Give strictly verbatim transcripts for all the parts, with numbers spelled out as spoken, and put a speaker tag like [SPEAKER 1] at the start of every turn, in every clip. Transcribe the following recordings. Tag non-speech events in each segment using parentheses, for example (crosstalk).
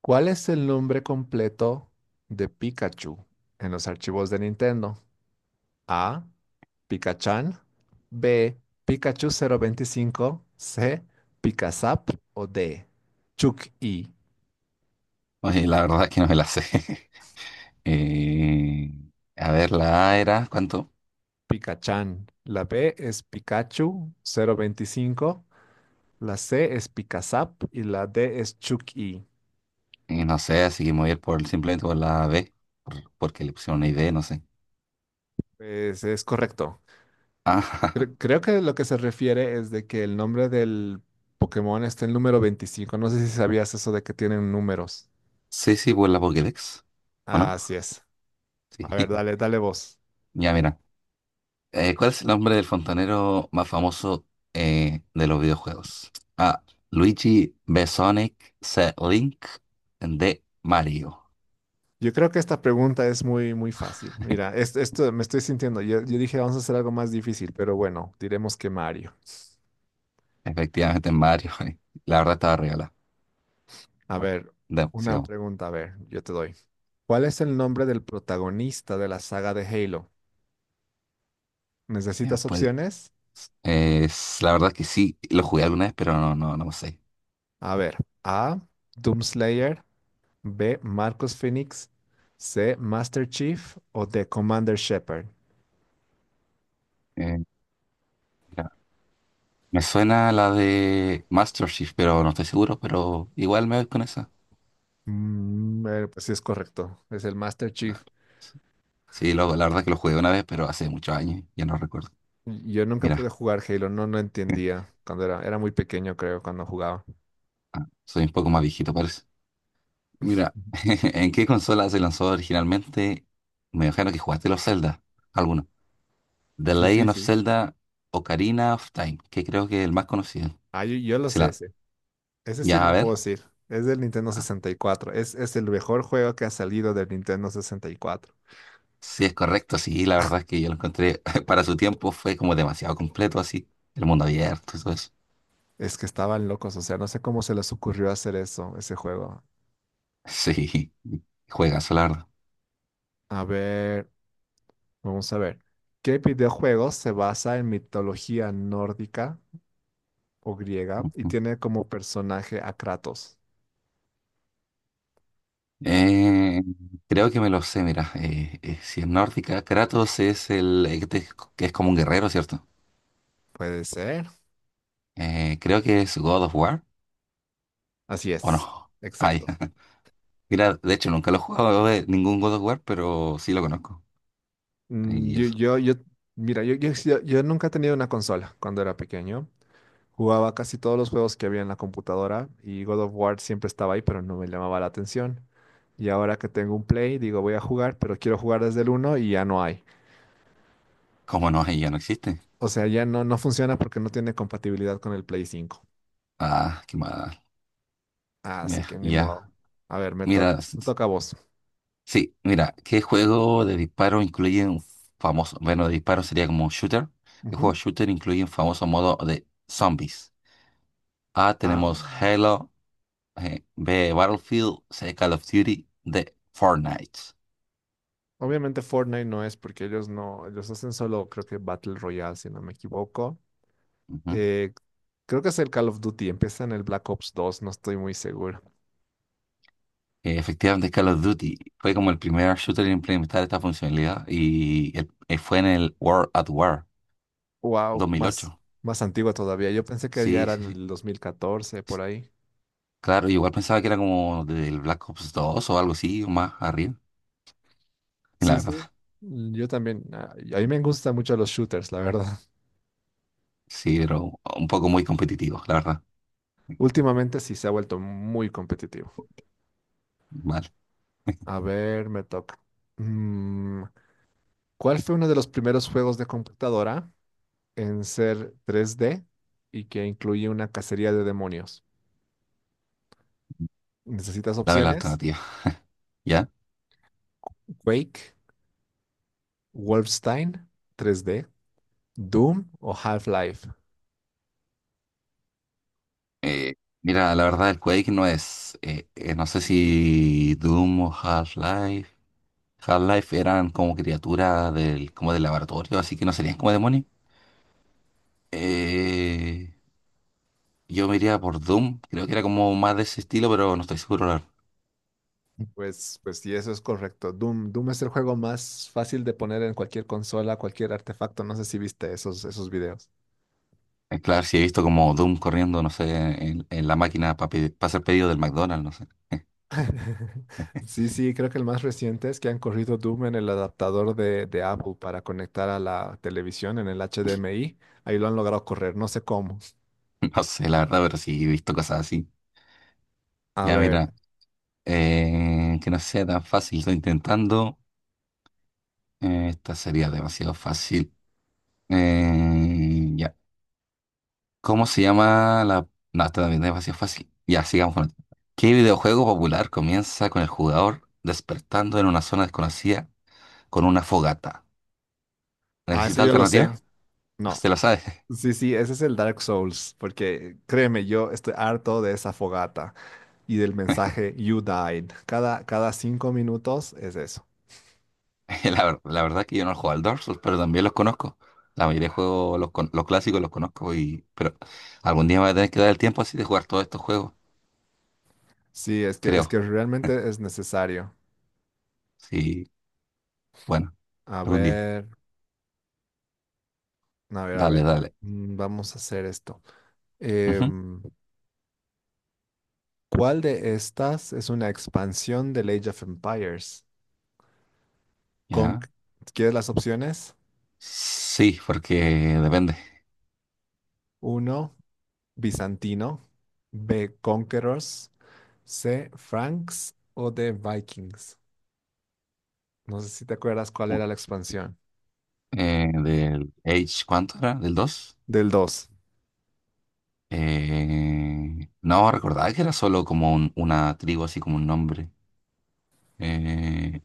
[SPEAKER 1] ¿Cuál es el nombre completo de Pikachu en los archivos de Nintendo? A. Pikachan. B. Pikachu cero veinticinco. C. Pikazap. O D. Chuck-E.
[SPEAKER 2] Oye, la verdad es que no me la sé. (laughs) Eh, a ver, la A era, ¿cuánto?
[SPEAKER 1] Pikachan. La B es Pikachu cero veinticinco. La C es Pikazap. Y la D es Chuck-E.
[SPEAKER 2] Eh, no sé, así que me voy a ir por, simplemente por la B, porque le pusieron una I D, no sé.
[SPEAKER 1] Pues es correcto.
[SPEAKER 2] Ah,
[SPEAKER 1] Cre- creo que lo que se refiere es de que el nombre del Pokémon está en el número veinticinco. No sé si sabías eso de que tienen números.
[SPEAKER 2] (laughs) sí, sí, por la Pokédex. ¿O no?
[SPEAKER 1] Así es. A
[SPEAKER 2] Sí.
[SPEAKER 1] ver, dale,
[SPEAKER 2] (laughs)
[SPEAKER 1] dale vos.
[SPEAKER 2] Ya, mira. Eh, ¿cuál es el nombre del fontanero más famoso eh, de los videojuegos? A. Luigi Besonic, C. Link, D. Mario.
[SPEAKER 1] Yo creo que esta pregunta es muy, muy fácil. Mira,
[SPEAKER 2] (laughs)
[SPEAKER 1] es- esto me estoy sintiendo. Yo, yo dije, vamos a hacer algo más difícil, pero bueno, diremos que Mario.
[SPEAKER 2] Efectivamente, Mario. (laughs) La verdad estaba regalada.
[SPEAKER 1] A ver,
[SPEAKER 2] Ya,
[SPEAKER 1] una
[SPEAKER 2] sigamos.
[SPEAKER 1] pregunta, a ver, yo te doy. ¿Cuál es el nombre del protagonista de la saga de Halo?
[SPEAKER 2] Ya,
[SPEAKER 1] ¿Necesitas
[SPEAKER 2] pues,
[SPEAKER 1] opciones?
[SPEAKER 2] Es, la verdad que sí, lo jugué alguna vez, pero no, no, no sé.
[SPEAKER 1] A ver, A, Doomslayer, B, Marcus Phoenix, C, Master Chief o D, Commander Shepard.
[SPEAKER 2] Eh, Mira, me suena la de Master Chief, pero no estoy seguro, pero igual me voy con esa.
[SPEAKER 1] Mm, eh, pues sí es correcto, es el Master Chief.
[SPEAKER 2] Claro. Sí, lo- la verdad que lo jugué una vez, pero hace muchos años, ya no recuerdo.
[SPEAKER 1] Yo nunca pude
[SPEAKER 2] Mira,
[SPEAKER 1] jugar Halo, no, no
[SPEAKER 2] (laughs)
[SPEAKER 1] entendía cuando era, era muy pequeño, creo, cuando jugaba.
[SPEAKER 2] ah, soy un poco más viejito, parece. Mira, (laughs) ¿en qué consola se lanzó originalmente? Me imagino que jugaste los Zelda, alguno. The
[SPEAKER 1] Sí, sí,
[SPEAKER 2] Legend of
[SPEAKER 1] sí.
[SPEAKER 2] Zelda Ocarina of Time, que creo que es el más conocido.
[SPEAKER 1] Ah, yo, yo lo
[SPEAKER 2] Se
[SPEAKER 1] sé
[SPEAKER 2] la-
[SPEAKER 1] ese. Ese sí
[SPEAKER 2] Ya, a
[SPEAKER 1] lo puedo
[SPEAKER 2] ver.
[SPEAKER 1] decir. Es del Nintendo
[SPEAKER 2] Ah,
[SPEAKER 1] sesenta y cuatro. Es, es el mejor juego que ha salido del Nintendo sesenta y cuatro.
[SPEAKER 2] sí, es correcto, sí, la verdad es que yo lo encontré, (laughs) para su tiempo fue como demasiado completo, así, el mundo abierto y todo eso. (laughs)
[SPEAKER 1] Es que estaban locos, o sea, no sé cómo se les ocurrió hacer eso, ese juego.
[SPEAKER 2] Sí, juegazo, la verdad.
[SPEAKER 1] A ver, vamos a ver. ¿Qué videojuego se basa en mitología nórdica o griega y
[SPEAKER 2] Ujú.
[SPEAKER 1] tiene como personaje a Kratos?
[SPEAKER 2] Eh, Creo que me lo sé, mira, eh, eh, si es nórdica, Kratos es el el que te- que es como un guerrero, ¿cierto?
[SPEAKER 1] Puede ser.
[SPEAKER 2] Eh, creo que es God of War,
[SPEAKER 1] Así
[SPEAKER 2] ¿o
[SPEAKER 1] es,
[SPEAKER 2] no? Ay,
[SPEAKER 1] exacto.
[SPEAKER 2] (laughs) mira, de hecho nunca lo he jugado eh, ningún God of War, pero sí lo conozco.
[SPEAKER 1] Mm,
[SPEAKER 2] Y
[SPEAKER 1] Yo,
[SPEAKER 2] eso.
[SPEAKER 1] yo, yo, mira, yo, yo, yo- yo nunca he tenido una consola cuando era pequeño. Jugaba casi todos los juegos que había en la computadora y God of War siempre estaba ahí, pero no me llamaba la atención. Y ahora que tengo un Play, digo, voy a jugar, pero quiero jugar desde el uno y ya no hay.
[SPEAKER 2] ¿Cómo no? Ahí ya no existe.
[SPEAKER 1] O sea, ya no, no funciona porque no tiene compatibilidad con el Play cinco.
[SPEAKER 2] Ah, qué mal.
[SPEAKER 1] Así
[SPEAKER 2] Ya,
[SPEAKER 1] que ni
[SPEAKER 2] ya.
[SPEAKER 1] modo. A ver, me to-
[SPEAKER 2] Mira,
[SPEAKER 1] me toca a vos.
[SPEAKER 2] sí, mira, ¿qué juego de disparo incluye un famoso, bueno, de disparo sería como un shooter? ¿Qué juego
[SPEAKER 1] Ujú.
[SPEAKER 2] shooter incluye un famoso modo de zombies? A,
[SPEAKER 1] Ah,
[SPEAKER 2] tenemos Halo, eh, B, Battlefield, C, Call of Duty, D, Fortnite.
[SPEAKER 1] obviamente Fortnite no es porque ellos no, ellos hacen solo, creo que Battle Royale, si no me equivoco.
[SPEAKER 2] Ujú.
[SPEAKER 1] Eh, creo que es el Call of Duty, empieza en el Black Ops dos, no estoy muy seguro.
[SPEAKER 2] Eh, Efectivamente, Call of Duty fue como el primer shooter en implementar esta funcionalidad y el- eh, fue en el World at War dos
[SPEAKER 1] Wow,
[SPEAKER 2] mil
[SPEAKER 1] más,
[SPEAKER 2] ocho.
[SPEAKER 1] más antigua todavía. Yo pensé que ya
[SPEAKER 2] Sí,
[SPEAKER 1] era
[SPEAKER 2] sí,
[SPEAKER 1] en
[SPEAKER 2] sí.
[SPEAKER 1] el dos mil catorce
[SPEAKER 2] S-
[SPEAKER 1] por ahí.
[SPEAKER 2] Claro, igual pensaba que era como del Black Ops dos o algo así, o más arriba, la
[SPEAKER 1] Sí,
[SPEAKER 2] verdad.
[SPEAKER 1] sí. mm, Yo también, a a mí me gustan mucho los shooters, la verdad. (laughs)
[SPEAKER 2] Sí, pero un poco muy competitivo, la verdad.
[SPEAKER 1] Últimamente sí se ha vuelto muy competitivo.
[SPEAKER 2] Vale,
[SPEAKER 1] A ver, me toca. Mm, ¿Cuál fue uno de los primeros juegos de computadora en ser tres d y que incluye una cacería de demonios? ¿Necesitas
[SPEAKER 2] dame la
[SPEAKER 1] opciones?
[SPEAKER 2] alternativa. (laughs) ¿Ya?
[SPEAKER 1] Quake, Wolfenstein tres D, Doom o Half-Life.
[SPEAKER 2] Eh, Mira, la verdad, el Quake no es. Eh, eh, no sé si Doom o Half-Life. Half-Life eran como criaturas del, como del laboratorio, así que no serían como demonios. Eh, yo me iría por Doom. Creo que era como más de ese estilo, pero no estoy seguro, la verdad.
[SPEAKER 1] Pues, pues sí, eso es correcto. Doom, Doom es el juego más fácil de poner en cualquier consola, cualquier artefacto. No sé si viste esos, esos videos.
[SPEAKER 2] Eh, Claro, si he visto como Doom corriendo, no sé, en, en la máquina para hacer pedido del McDonald's, no sé. (laughs)
[SPEAKER 1] (laughs) Sí, sí, creo que el más reciente es que han corrido Doom en el adaptador de, de Apple para conectar a la televisión en el H D M I. Ahí lo han logrado correr, no sé cómo.
[SPEAKER 2] No sé, la verdad, pero sí he visto cosas así.
[SPEAKER 1] A
[SPEAKER 2] Ya,
[SPEAKER 1] ver,
[SPEAKER 2] mira. Eh, que no sea tan fácil, estoy intentando. Eh, esta sería demasiado fácil. Eh, ya. ¿Cómo se llama la...? No, esta también es demasiado fácil. Ya, sigamos con esto. ¿Qué videojuego popular comienza con el jugador despertando en una zona desconocida con una fogata?
[SPEAKER 1] ah, eso
[SPEAKER 2] ¿Necesita
[SPEAKER 1] yo lo sé.
[SPEAKER 2] alternativa?
[SPEAKER 1] No.
[SPEAKER 2] ¿Usted la sabe?
[SPEAKER 1] Sí, sí, ese es el Dark Souls, porque créeme, yo estoy harto de esa fogata y del
[SPEAKER 2] (laughs)
[SPEAKER 1] mensaje You died. Cada, cada cinco minutos es eso.
[SPEAKER 2] La, ver- la verdad que yo no he jugado al Dark Souls, pero también los conozco. La mayoría de juegos, los, con- los clásicos los conozco y... Pero algún día me voy a tener que dar el tiempo así de jugar todos estos juegos,
[SPEAKER 1] Sí, es que, es
[SPEAKER 2] creo.
[SPEAKER 1] que realmente es necesario.
[SPEAKER 2] Sí, bueno,
[SPEAKER 1] A
[SPEAKER 2] algún día.
[SPEAKER 1] ver, a ver, a
[SPEAKER 2] Dale,
[SPEAKER 1] ver.
[SPEAKER 2] dale.
[SPEAKER 1] Mm, Vamos a hacer esto.
[SPEAKER 2] Ujú,
[SPEAKER 1] Em, ¿Cuál de estas es una expansión del Age of Empires? Con,
[SPEAKER 2] ya.
[SPEAKER 1] ¿quieres las opciones?
[SPEAKER 2] Sí, porque depende.
[SPEAKER 1] Uno, bizantino. B, conquerors. C, franks o D, vikings. No sé si te acuerdas cuál
[SPEAKER 2] u-
[SPEAKER 1] era la expansión.
[SPEAKER 2] eh, Del age, ¿cuánto era? ¿Del dos?
[SPEAKER 1] Del dos.
[SPEAKER 2] Eh, no, recordaba que era solo como un- una tribu, así como un nombre. Eh,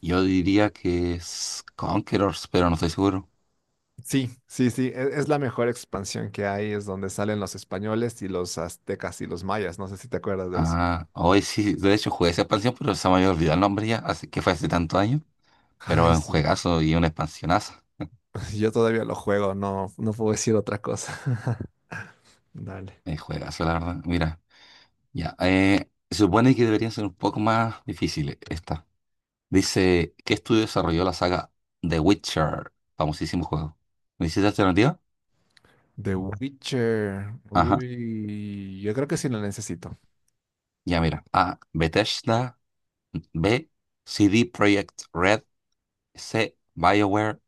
[SPEAKER 2] yo diría que es Conquerors, pero no estoy seguro.
[SPEAKER 1] Sí, sí, sí, e- es la mejor expansión que hay, es donde salen los españoles y los aztecas y los mayas, no sé si te acuerdas de eso.
[SPEAKER 2] Ah, hoy sí, de hecho jugué esa expansión, pero se me había olvidado el nombre ya, así que fue hace tantos años. Pero
[SPEAKER 1] Ay,
[SPEAKER 2] es un
[SPEAKER 1] sí,
[SPEAKER 2] juegazo y una expansionaza.
[SPEAKER 1] (laughs) yo todavía lo juego, no, no puedo decir otra cosa. (laughs) Dale.
[SPEAKER 2] Es juegazo, la verdad. Mira. Ya, eh, se supone que deberían ser un poco más difíciles esta. Dice, ¿qué estudio desarrolló la saga The Witcher? Famosísimo juego. ¿Necesitas alternativa?
[SPEAKER 1] The Witcher.
[SPEAKER 2] Ajá,
[SPEAKER 1] Uy, yo creo que sí lo necesito.
[SPEAKER 2] ya mira. A, Bethesda. B, C D Projekt Red. C, BioWare.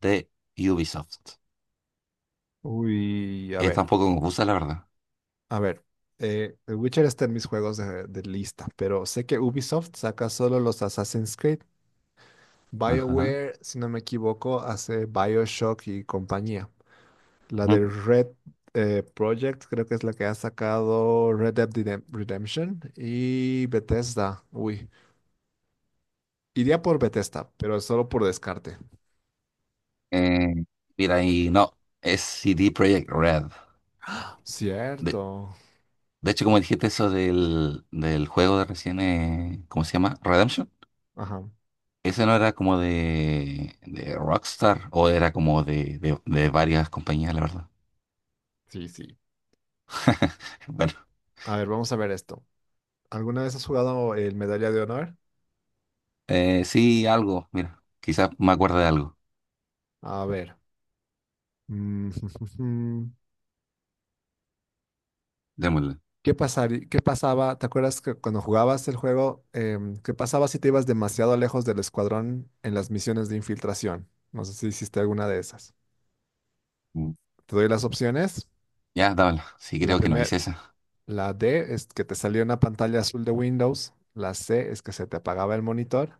[SPEAKER 2] D, Ubisoft.
[SPEAKER 1] Uy, a
[SPEAKER 2] Está
[SPEAKER 1] ver,
[SPEAKER 2] un poco confusa, la verdad.
[SPEAKER 1] a ver. Eh, The Witcher está en mis juegos de, de lista, pero sé que Ubisoft saca solo los Assassin's Creed.
[SPEAKER 2] Ajá.
[SPEAKER 1] BioWare, si no me equivoco, hace BioShock y compañía. La
[SPEAKER 2] Ujú.
[SPEAKER 1] de Red, eh, Project, creo que es la que ha sacado Red Dead Redem- Redemption y Bethesda. Uy, iría por Bethesda, pero solo por descarte.
[SPEAKER 2] Eh, Mira, y no, es C D Projekt Red. De,
[SPEAKER 1] Cierto.
[SPEAKER 2] de hecho, como dijiste eso del, del juego de recién, eh, ¿cómo se llama? Redemption.
[SPEAKER 1] Ajá,
[SPEAKER 2] Ese no era como de, de Rockstar o era como de, de, de varias compañías, la verdad.
[SPEAKER 1] sí, sí.
[SPEAKER 2] (laughs) Bueno,
[SPEAKER 1] A ver, vamos a ver esto. ¿Alguna vez has jugado el Medalla de Honor?
[SPEAKER 2] eh, sí, algo, mira, quizás me acuerdo de algo.
[SPEAKER 1] A ver. mm, (laughs)
[SPEAKER 2] Démosle.
[SPEAKER 1] ¿Qué pasaría, qué pasaba? ¿Te acuerdas que cuando jugabas el juego, em, qué pasaba si te ibas demasiado lejos del escuadrón en las misiones de infiltración? No sé si hiciste alguna de esas.
[SPEAKER 2] Mm.
[SPEAKER 1] Te doy las opciones.
[SPEAKER 2] Ya, dámela. Sí,
[SPEAKER 1] La
[SPEAKER 2] creo que no
[SPEAKER 1] primera,
[SPEAKER 2] hice esa.
[SPEAKER 1] la D es que te salía una pantalla azul de Windows. La C es que se te apagaba el monitor.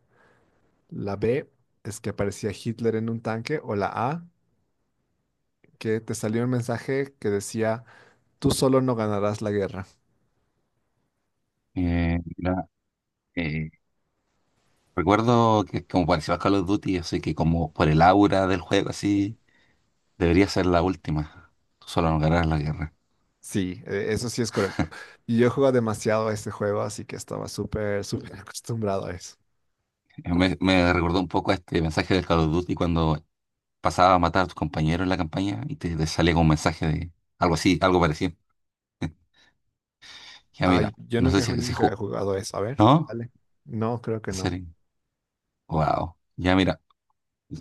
[SPEAKER 1] La B es que aparecía Hitler en un tanque. O la A, que te salió un mensaje que decía, tú solo no ganarás la guerra.
[SPEAKER 2] Eh, mira, eh, recuerdo que como pareció a Call of Duty, así que como por el aura del juego, así, debería ser la última. Tú solo no ganarás la guerra.
[SPEAKER 1] Sí, eh, eso sí es correcto. Y yo juego demasiado a este juego, así que estaba súper, súper (laughs) acostumbrado a eso.
[SPEAKER 2] Eh, Me, me recordó un poco a este mensaje del Call of Duty cuando pasaba a matar a tus compañeros en la campaña y te, te salía con un mensaje de algo así, algo parecido. (laughs) Ya mira,
[SPEAKER 1] Ay, yo
[SPEAKER 2] no sé
[SPEAKER 1] nunca, ju-
[SPEAKER 2] si se
[SPEAKER 1] nunca he
[SPEAKER 2] jugó.
[SPEAKER 1] jugado eso. A ver,
[SPEAKER 2] ¿No?
[SPEAKER 1] dale. No, creo que
[SPEAKER 2] ¿En
[SPEAKER 1] no.
[SPEAKER 2] serio? Wow. Ya mira,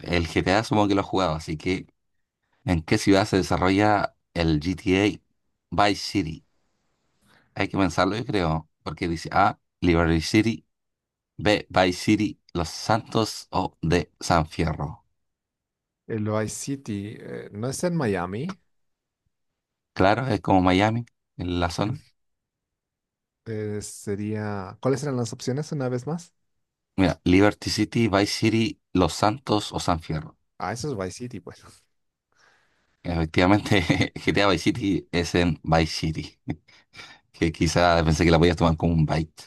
[SPEAKER 2] el G T A supongo que lo has jugado, así que ¿en qué ciudad se desarrolla el G T A Vice City? Hay que pensarlo, yo creo, porque dice A, Liberty City, B, Vice City, Los Santos o D, San Fierro.
[SPEAKER 1] El Vice City, eh, ¿no es en Miami?
[SPEAKER 2] Claro, es como Miami, en la zona.
[SPEAKER 1] Eh, sería. ¿Cuáles eran las opciones una vez más?
[SPEAKER 2] Mira, Liberty City, Vice City, Los Santos o San Fierro.
[SPEAKER 1] Ah, eso es Vice City, pues.
[SPEAKER 2] Efectivamente, (laughs) G T A Vice City es en Vice City, (laughs) que quizá pensé que la podías tomar como un byte.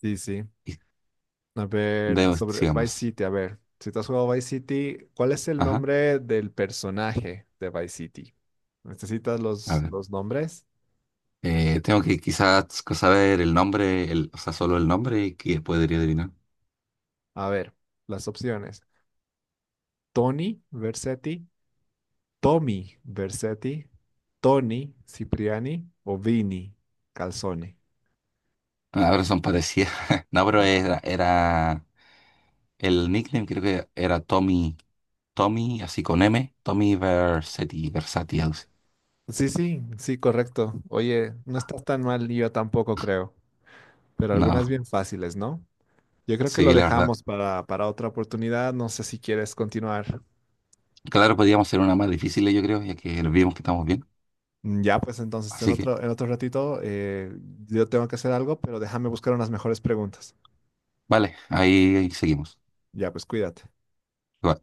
[SPEAKER 1] Sí, sí.
[SPEAKER 2] Y
[SPEAKER 1] A ver,
[SPEAKER 2] de-
[SPEAKER 1] sobre Vice
[SPEAKER 2] sigamos.
[SPEAKER 1] City, a ver. Si tú has jugado Vice City, ¿cuál es el
[SPEAKER 2] Ajá,
[SPEAKER 1] nombre del personaje de Vice City? ¿Necesitas
[SPEAKER 2] a
[SPEAKER 1] los,
[SPEAKER 2] ver.
[SPEAKER 1] los nombres?
[SPEAKER 2] Eh, tengo que quizás saber el nombre, el, o sea, solo el nombre y que podría adivinar.
[SPEAKER 1] A ver, las opciones. Tony Versetti, Tommy Versetti, Tony Cipriani o Vini Calzone.
[SPEAKER 2] Ah, ahora son parecidas. (laughs) No, pero
[SPEAKER 1] Ajá.
[SPEAKER 2] era, era el nickname, creo que era Tommy, Tommy, así con M, Tommy Versetti, Versati, algo así.
[SPEAKER 1] Sí, sí, sí, correcto. Oye, no estás tan mal y yo tampoco creo. Pero algunas
[SPEAKER 2] No,
[SPEAKER 1] bien fáciles, ¿no? Yo creo que
[SPEAKER 2] sí,
[SPEAKER 1] lo
[SPEAKER 2] la verdad.
[SPEAKER 1] dejamos para, para otra oportunidad. No sé si quieres continuar.
[SPEAKER 2] Claro, podíamos hacer una más difícil, yo creo, ya que vimos que estamos bien.
[SPEAKER 1] Mm, Ya, pues entonces en
[SPEAKER 2] Así que...
[SPEAKER 1] otro, en otro ratito, eh, yo tengo que hacer algo, pero déjame buscar unas mejores preguntas.
[SPEAKER 2] Vale, ahí, ahí seguimos.
[SPEAKER 1] Ya, pues cuídate.
[SPEAKER 2] Igual.